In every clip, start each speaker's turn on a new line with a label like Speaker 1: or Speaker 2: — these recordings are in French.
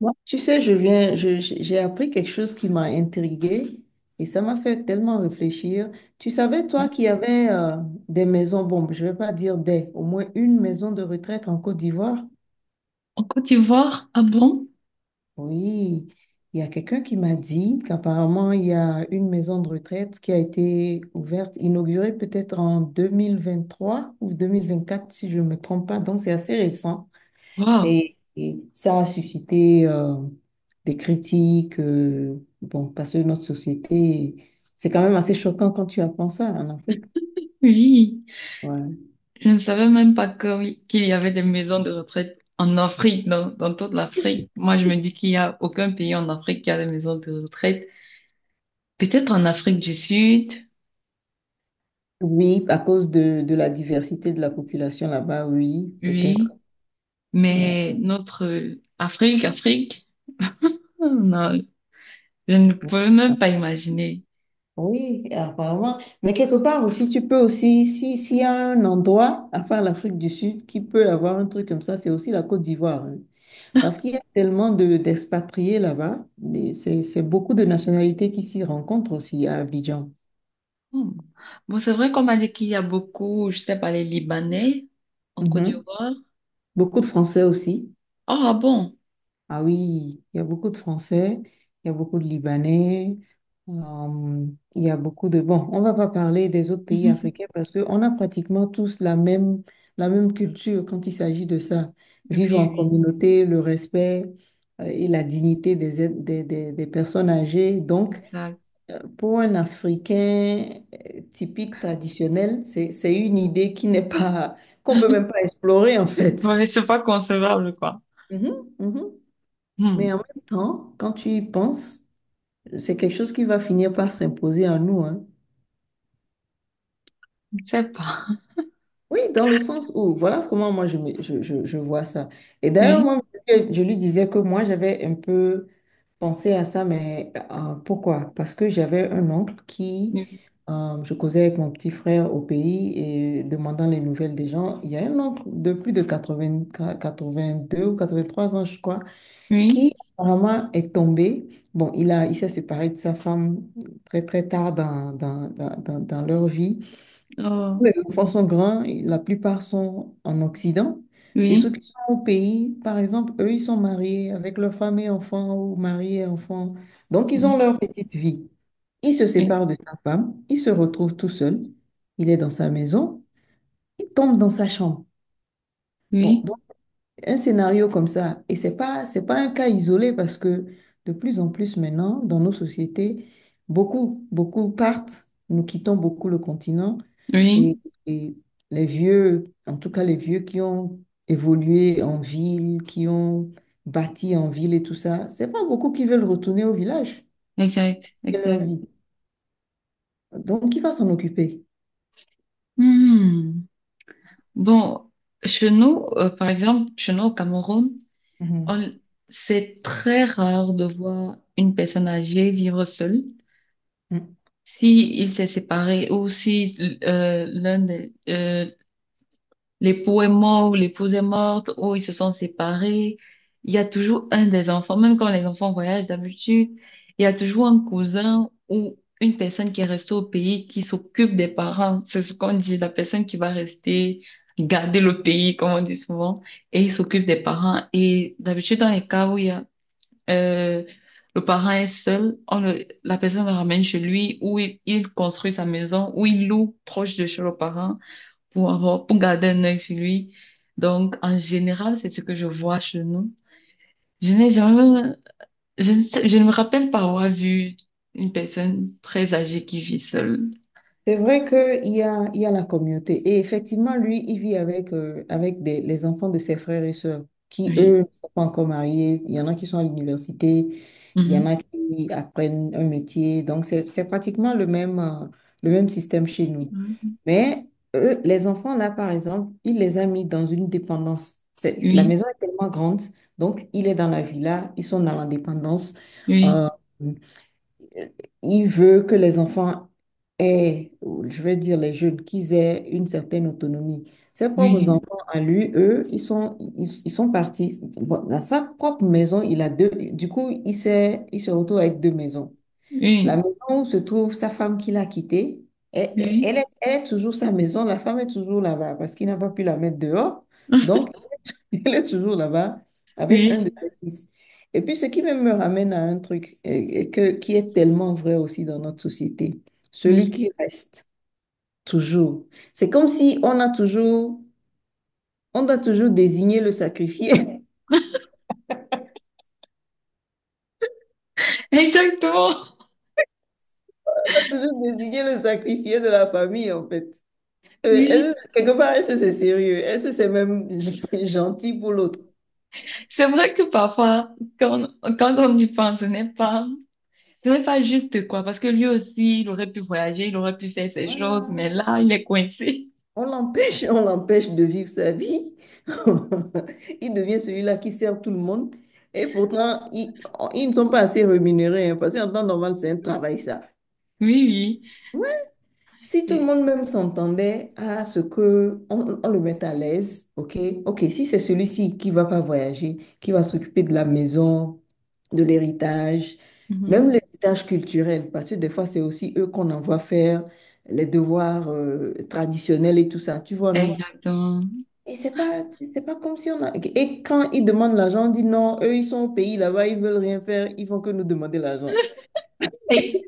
Speaker 1: Moi, tu sais, j'ai appris quelque chose qui m'a intriguée et ça m'a fait tellement réfléchir. Tu savais, toi, qu'il y avait des maisons, bon, je ne vais pas dire des, au moins une maison de retraite en Côte d'Ivoire?
Speaker 2: En Côte d'Ivoire? Ah bon?
Speaker 1: Oui, il y a quelqu'un qui m'a dit qu'apparemment, il y a une maison de retraite qui a été ouverte, inaugurée peut-être en 2023 ou 2024 si je ne me trompe pas. Donc, c'est assez récent.
Speaker 2: Waouh!
Speaker 1: Et ça a suscité des critiques. Bon, parce que notre société, c'est quand même assez choquant quand tu apprends ça en Afrique.
Speaker 2: Oui,
Speaker 1: Ouais.
Speaker 2: je ne savais même pas que, oui, qu'il y avait des maisons de retraite en Afrique, dans toute l'Afrique. Moi, je me dis qu'il n'y a aucun pays en Afrique qui a des maisons de retraite. Peut-être en Afrique du Sud,
Speaker 1: Oui, à cause de la diversité de la population là-bas, oui,
Speaker 2: oui,
Speaker 1: peut-être. Ouais.
Speaker 2: mais notre Afrique, Afrique, oh non, je ne
Speaker 1: Bon,
Speaker 2: peux même pas imaginer.
Speaker 1: oui, apparemment. Mais quelque part aussi, tu peux aussi, si, s'il y a un endroit, à part l'Afrique du Sud, qui peut avoir un truc comme ça, c'est aussi la Côte d'Ivoire, hein. Parce qu'il y a tellement d'expatriés là-bas. C'est beaucoup de nationalités qui s'y rencontrent aussi à Abidjan.
Speaker 2: Hmm. Bon, c'est vrai qu'on m'a dit qu'il y a beaucoup, je sais pas, les Libanais en Côte
Speaker 1: Mhm.
Speaker 2: d'Ivoire.
Speaker 1: Beaucoup de Français aussi.
Speaker 2: Oh, ah bon?
Speaker 1: Ah oui, il y a beaucoup de Français, il y a beaucoup de Libanais, euh, il y a beaucoup de... Bon, on va pas parler des autres pays africains parce qu'on a pratiquement tous la même culture quand il s'agit de ça.
Speaker 2: Oui,
Speaker 1: Vivre en
Speaker 2: oui.
Speaker 1: communauté, le respect, et la dignité des, êtres- des personnes âgées. Donc,
Speaker 2: Là.
Speaker 1: pour un Africain typique, traditionnel, c'est une idée qui n'est pas... qu'on peut même pas explorer en fait.
Speaker 2: Ouais, c'est pas concevable, quoi.
Speaker 1: Mhm, mhm. Mais en
Speaker 2: Hmm.
Speaker 1: même temps, quand tu y penses, c'est quelque chose qui va finir par s'imposer à nous, hein.
Speaker 2: Je sais pas.
Speaker 1: Oui, dans le sens où, voilà comment moi je, me- je vois ça. Et d'ailleurs, moi,
Speaker 2: Oui,
Speaker 1: je lui disais que moi, j'avais un peu pensé à ça, mais pourquoi? Parce que j'avais un oncle
Speaker 2: oui,
Speaker 1: je causais avec mon petit frère au pays et demandant les nouvelles des gens. Il y a un oncle de plus de quatre vingt deux ou 83 ans, je crois,
Speaker 2: oui,
Speaker 1: qui apparemment est tombé. Bon, il s'est séparé de sa femme très très tard dans leur vie. Tous
Speaker 2: oh,
Speaker 1: les enfants sont grands, et la plupart sont en Occident. Et ceux qui
Speaker 2: oui,
Speaker 1: sont au pays, par exemple, eux, ils sont mariés avec leur femme et enfants ou mariés et enfants. Donc, ils
Speaker 2: oui,
Speaker 1: ont leur petite vie. Il se
Speaker 2: oui,
Speaker 1: sépare de sa femme, il se retrouve tout seul, il est dans sa maison, il tombe dans sa chambre. Bon,
Speaker 2: oui,
Speaker 1: un scénario comme ça. Et c'est pas un cas isolé parce que de plus en plus maintenant, dans nos sociétés, beaucoup, beaucoup partent, nous quittons beaucoup le continent et,
Speaker 2: oui.
Speaker 1: et les vieux, en tout cas les vieux qui ont évolué en ville, qui ont bâti en ville et tout ça, c'est pas beaucoup qui veulent retourner au village
Speaker 2: Exact,
Speaker 1: et leur
Speaker 2: exact.
Speaker 1: vie. Donc, qui va s'en occuper?
Speaker 2: Hmm. Bon, chez nous, par exemple, chez nous au Cameroun, on, c'est très rare de voir une personne âgée vivre seule.
Speaker 1: Mhm.
Speaker 2: Si il s'est séparé ou si l'un l'époux est mort ou l'épouse est morte ou ils se sont séparés. Il y a toujours un des enfants, même quand les enfants voyagent d'habitude, il y a toujours un cousin ou une personne qui est restée au pays qui s'occupe des parents. C'est ce qu'on dit, la personne qui va rester garder le pays, comme on dit souvent, et il s'occupe des parents. Et d'habitude, dans les cas où il y a, euh, le parent est seul, la personne le ramène chez lui, où il construit sa maison, où il loue proche de chez le parent pour avoir, pour garder un œil sur lui. Donc, en général, c'est ce que je vois chez nous. Je n'ai jamais, je ne me rappelle pas avoir vu une personne très âgée qui vit seule.
Speaker 1: C'est vrai qu'il y a la communauté. Et effectivement, lui, il vit avec les enfants de ses frères et sœurs qui,
Speaker 2: Oui.
Speaker 1: eux, ne sont pas encore mariés. Il y en a qui sont à l'université, il y en
Speaker 2: Mhm.
Speaker 1: a qui apprennent un métier. Donc, c'est pratiquement le même système chez nous. Mais eux, les enfants, là, par exemple, il les a mis dans une dépendance. La
Speaker 2: Oui,
Speaker 1: maison est tellement grande, donc il est dans la villa, ils sont dans la dépendance.
Speaker 2: oui,
Speaker 1: Euh, il veut que les enfants aient, ou je vais dire les jeunes, qu'ils aient une certaine autonomie. Ses propres
Speaker 2: oui,
Speaker 1: enfants, à lui, eux, ils sont partis. Bon, dans sa propre maison, il a deux. Du coup, il se retrouve avec deux maisons. La
Speaker 2: oui,
Speaker 1: maison où se trouve sa femme qu'il a quittée, elle, elle
Speaker 2: oui,
Speaker 1: est, elle est toujours sa maison. La femme est toujours là-bas parce qu'il n'a pas pu la mettre dehors. Donc, elle est toujours là-bas avec un de
Speaker 2: oui,
Speaker 1: ses fils. Et puis, ce qui même me ramène à un truc qui est tellement vrai aussi dans notre société, celui
Speaker 2: oui.
Speaker 1: qui reste toujours. C'est comme si on doit toujours désigner le sacrifié.
Speaker 2: Exactement.
Speaker 1: On doit toujours désigner le sacrifié de la famille, en fait.
Speaker 2: Oui.
Speaker 1: Quelque part, est-ce que c'est sérieux? Est-ce que c'est même gentil pour l'autre?
Speaker 2: C'est vrai que parfois, quand, quand on y pense, ce n'est pas juste, quoi, parce que lui aussi, il aurait pu voyager, il aurait pu faire ses choses,
Speaker 1: Voilà.
Speaker 2: mais là, il est coincé.
Speaker 1: On l'empêche de vivre sa vie. Il devient celui-là qui sert tout le monde. Et pourtant, ils ne sont pas assez rémunérés, hein, parce qu'en temps normal, c'est un travail, ça.
Speaker 2: Oui, oui.
Speaker 1: Ouais. Si tout le
Speaker 2: Et-
Speaker 1: monde même s'entendait à ce que on le mette à l'aise, ok, ok, si c'est celui-ci qui va pas voyager, qui va s'occuper de la maison, de l'héritage, même
Speaker 2: mhm.
Speaker 1: l'héritage culturel, parce que des fois c'est aussi eux qu'on envoie faire les devoirs traditionnels et tout ça, tu vois, non?
Speaker 2: Exactement.
Speaker 1: Et c'est pas comme si on a... Et quand ils demandent l'argent, on dit non, eux, ils sont au pays là-bas, ils veulent rien faire, ils font que nous demander l'argent.
Speaker 2: Et-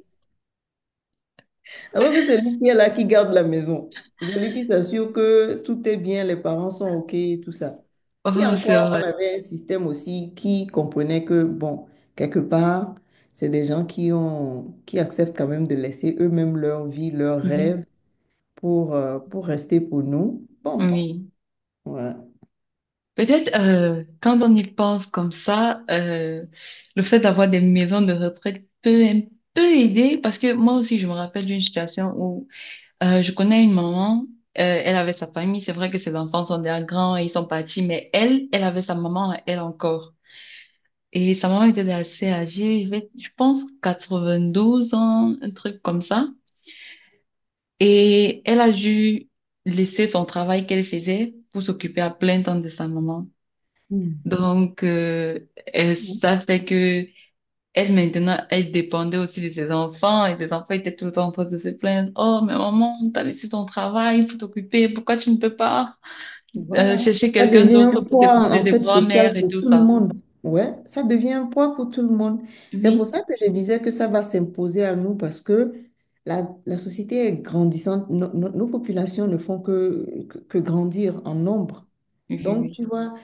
Speaker 1: Alors que c'est lui qui est là, qui garde la maison. C'est lui qui s'assure que tout est bien, les parents sont OK, tout ça. Si
Speaker 2: oh, c'est
Speaker 1: encore
Speaker 2: vrai.
Speaker 1: on avait un système aussi qui comprenait que, bon, quelque part, c'est des gens qui acceptent quand même de laisser eux-mêmes leur vie, leurs
Speaker 2: Oui,
Speaker 1: rêves pour rester pour nous. Bon,
Speaker 2: oui.
Speaker 1: voilà.
Speaker 2: Peut-être quand on y pense comme ça, le fait d'avoir des maisons de retraite peut un peu aider parce que moi aussi, je me rappelle d'une situation où je connais une maman, elle avait sa famille, c'est vrai que ses enfants sont déjà grands et ils sont partis, mais elle, elle avait sa maman, à elle encore. Et sa maman était assez âgée, elle avait, je pense 92 ans, un truc comme ça. Et elle a dû laisser son travail qu'elle faisait pour s'occuper à plein temps de sa maman.
Speaker 1: Mm.
Speaker 2: Donc, ça fait que elle maintenant, elle dépendait aussi de ses enfants et ses enfants étaient tout le temps en train de se plaindre. Oh, mais maman, t'as laissé ton travail pour t'occuper. Pourquoi tu ne peux pas
Speaker 1: Voilà.
Speaker 2: chercher
Speaker 1: Ça
Speaker 2: quelqu'un
Speaker 1: devient
Speaker 2: d'autre
Speaker 1: un
Speaker 2: pour
Speaker 1: poids,
Speaker 2: t'occuper
Speaker 1: en
Speaker 2: des
Speaker 1: fait,
Speaker 2: grands-mères
Speaker 1: social
Speaker 2: et
Speaker 1: pour
Speaker 2: tout
Speaker 1: tout le
Speaker 2: ça?
Speaker 1: monde. Ouais, ça devient un poids pour tout le monde. C'est pour
Speaker 2: Oui,
Speaker 1: ça que je disais que ça va s'imposer à nous parce que la société est grandissante. Nos populations ne font que grandir en nombre.
Speaker 2: oui,
Speaker 1: Donc,
Speaker 2: oui.
Speaker 1: tu vois,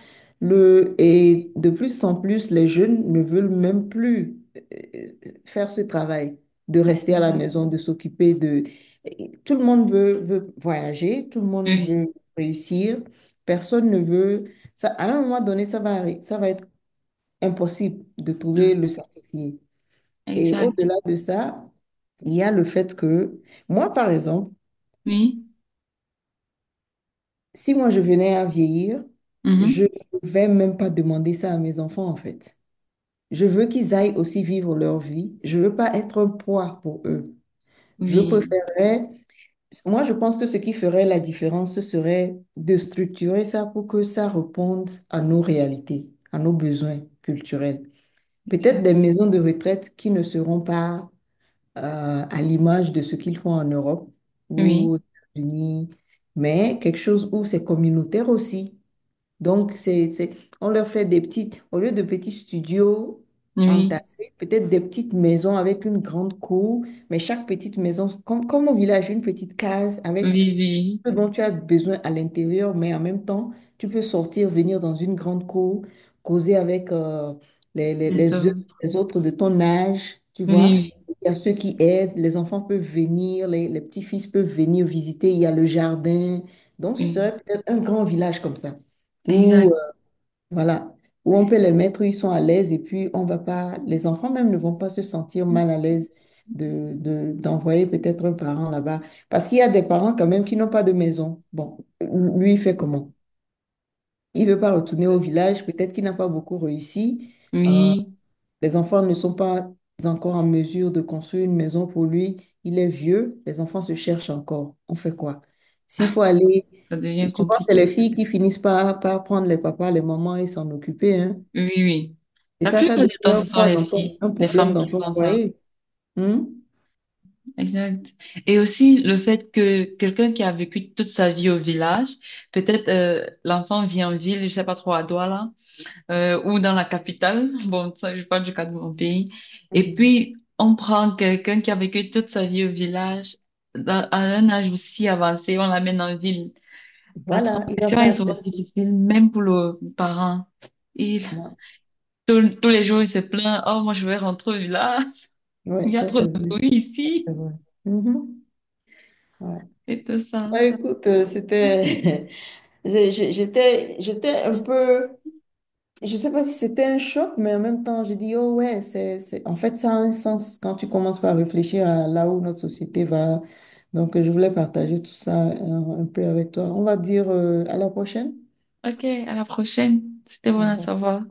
Speaker 1: et de plus en plus, les jeunes ne veulent même plus euh, faire ce travail de
Speaker 2: Oui.
Speaker 1: rester à la
Speaker 2: Exact.
Speaker 1: maison, de s'occuper de... et tout le monde veut voyager, tout le monde
Speaker 2: Oui,
Speaker 1: veut réussir, personne ne veut... Ça, à un moment donné, ça va être impossible de trouver le
Speaker 2: oui.
Speaker 1: certifié. Et
Speaker 2: Exact.
Speaker 1: au-delà de ça, il y a le fait que, moi, par exemple,
Speaker 2: Oui.
Speaker 1: si moi je venais à vieillir, je
Speaker 2: Mhm,
Speaker 1: ne vais même pas demander ça à mes enfants, en fait. Je veux qu'ils aillent aussi vivre leur vie. Je veux pas être un poids pour eux. Je
Speaker 2: oui.
Speaker 1: préférerais, moi, je pense que ce qui ferait la différence, ce serait de structurer ça pour que ça réponde à nos réalités, à nos besoins culturels. Peut-être
Speaker 2: Exact.
Speaker 1: des maisons de retraite qui ne seront pas à l'image de ce qu'ils font en Europe
Speaker 2: Oui.
Speaker 1: ou aux États-Unis, mais quelque chose où c'est communautaire aussi. Donc, on leur fait des petites, au lieu de petits studios
Speaker 2: Oui.
Speaker 1: entassés, peut-être des petites maisons avec une grande cour, mais chaque petite maison, comme au village, une petite case
Speaker 2: Oui.
Speaker 1: avec
Speaker 2: Oui. Oui.
Speaker 1: ce dont tu as besoin à l'intérieur, mais en même temps, tu peux sortir, venir dans une grande cour, causer avec les, les, les,
Speaker 2: D'accord.
Speaker 1: autres les autres de ton âge, tu vois.
Speaker 2: Oui,
Speaker 1: Il y a ceux qui aident, les enfants peuvent venir, les petits-fils peuvent venir visiter, il y a le jardin.
Speaker 2: oui,
Speaker 1: Donc, ce
Speaker 2: oui.
Speaker 1: serait peut-être un grand village comme ça.
Speaker 2: Ah,
Speaker 1: Ou
Speaker 2: exact.
Speaker 1: voilà, où on peut les mettre, où ils sont à l'aise et puis on va pas, les enfants même ne vont pas se sentir mal à l'aise d'envoyer peut-être un parent là-bas. Parce qu'il y a des parents quand même qui n'ont pas de maison. Bon, lui, il fait comment? Il veut pas retourner au village, peut-être qu'il n'a pas beaucoup réussi. Euh,
Speaker 2: Oui,
Speaker 1: les enfants ne sont pas encore en mesure de construire une maison pour lui. Il est vieux, les enfants se cherchent encore. On fait quoi? S'il faut aller,
Speaker 2: ça devient
Speaker 1: souvent c'est
Speaker 2: compliqué.
Speaker 1: les filles qui finissent par prendre les papas, les mamans et s'en occuper, hein.
Speaker 2: Oui, oui.
Speaker 1: Et
Speaker 2: La
Speaker 1: ça
Speaker 2: plupart du
Speaker 1: devient
Speaker 2: temps,
Speaker 1: un
Speaker 2: ce sont
Speaker 1: poids
Speaker 2: les filles,
Speaker 1: un
Speaker 2: les
Speaker 1: problème
Speaker 2: femmes
Speaker 1: dans
Speaker 2: qui
Speaker 1: ton
Speaker 2: font ça.
Speaker 1: foyer. Hmm?
Speaker 2: Exact. Et aussi le fait que quelqu'un qui a vécu toute sa vie au village, peut-être l'enfant vit en ville, je sais pas trop à Douala, ou dans la capitale. Bon, ça, je parle du cas de mon pays. Et
Speaker 1: Mhm.
Speaker 2: puis, on prend quelqu'un qui a vécu toute sa vie au village, dans- à un âge aussi avancé, on l'amène en ville. La
Speaker 1: Voilà, il va
Speaker 2: transition
Speaker 1: pas
Speaker 2: est souvent
Speaker 1: accepter.
Speaker 2: difficile, même pour le parent. Il,
Speaker 1: Ouais,
Speaker 2: tous les jours, il se plaint, oh, moi, je vais rentrer au village.
Speaker 1: ouais,
Speaker 2: Il y a
Speaker 1: ça
Speaker 2: trop
Speaker 1: c'est
Speaker 2: de
Speaker 1: vrai.
Speaker 2: bruit ici.
Speaker 1: C'est vrai. Mhm. Ouais.
Speaker 2: Et tout ça.
Speaker 1: Bah, écoute, c'était, j'étais un peu, je sais pas si c'était un choc, mais en même temps, j'ai dit, oh ouais, c'est, en fait, ça a un sens quand tu commences par réfléchir à là où notre société va. Donc, je voulais partager tout ça un peu avec toi. On va dire à la prochaine.
Speaker 2: OK, à la prochaine. C'était bon
Speaker 1: Au
Speaker 2: à
Speaker 1: revoir.
Speaker 2: savoir.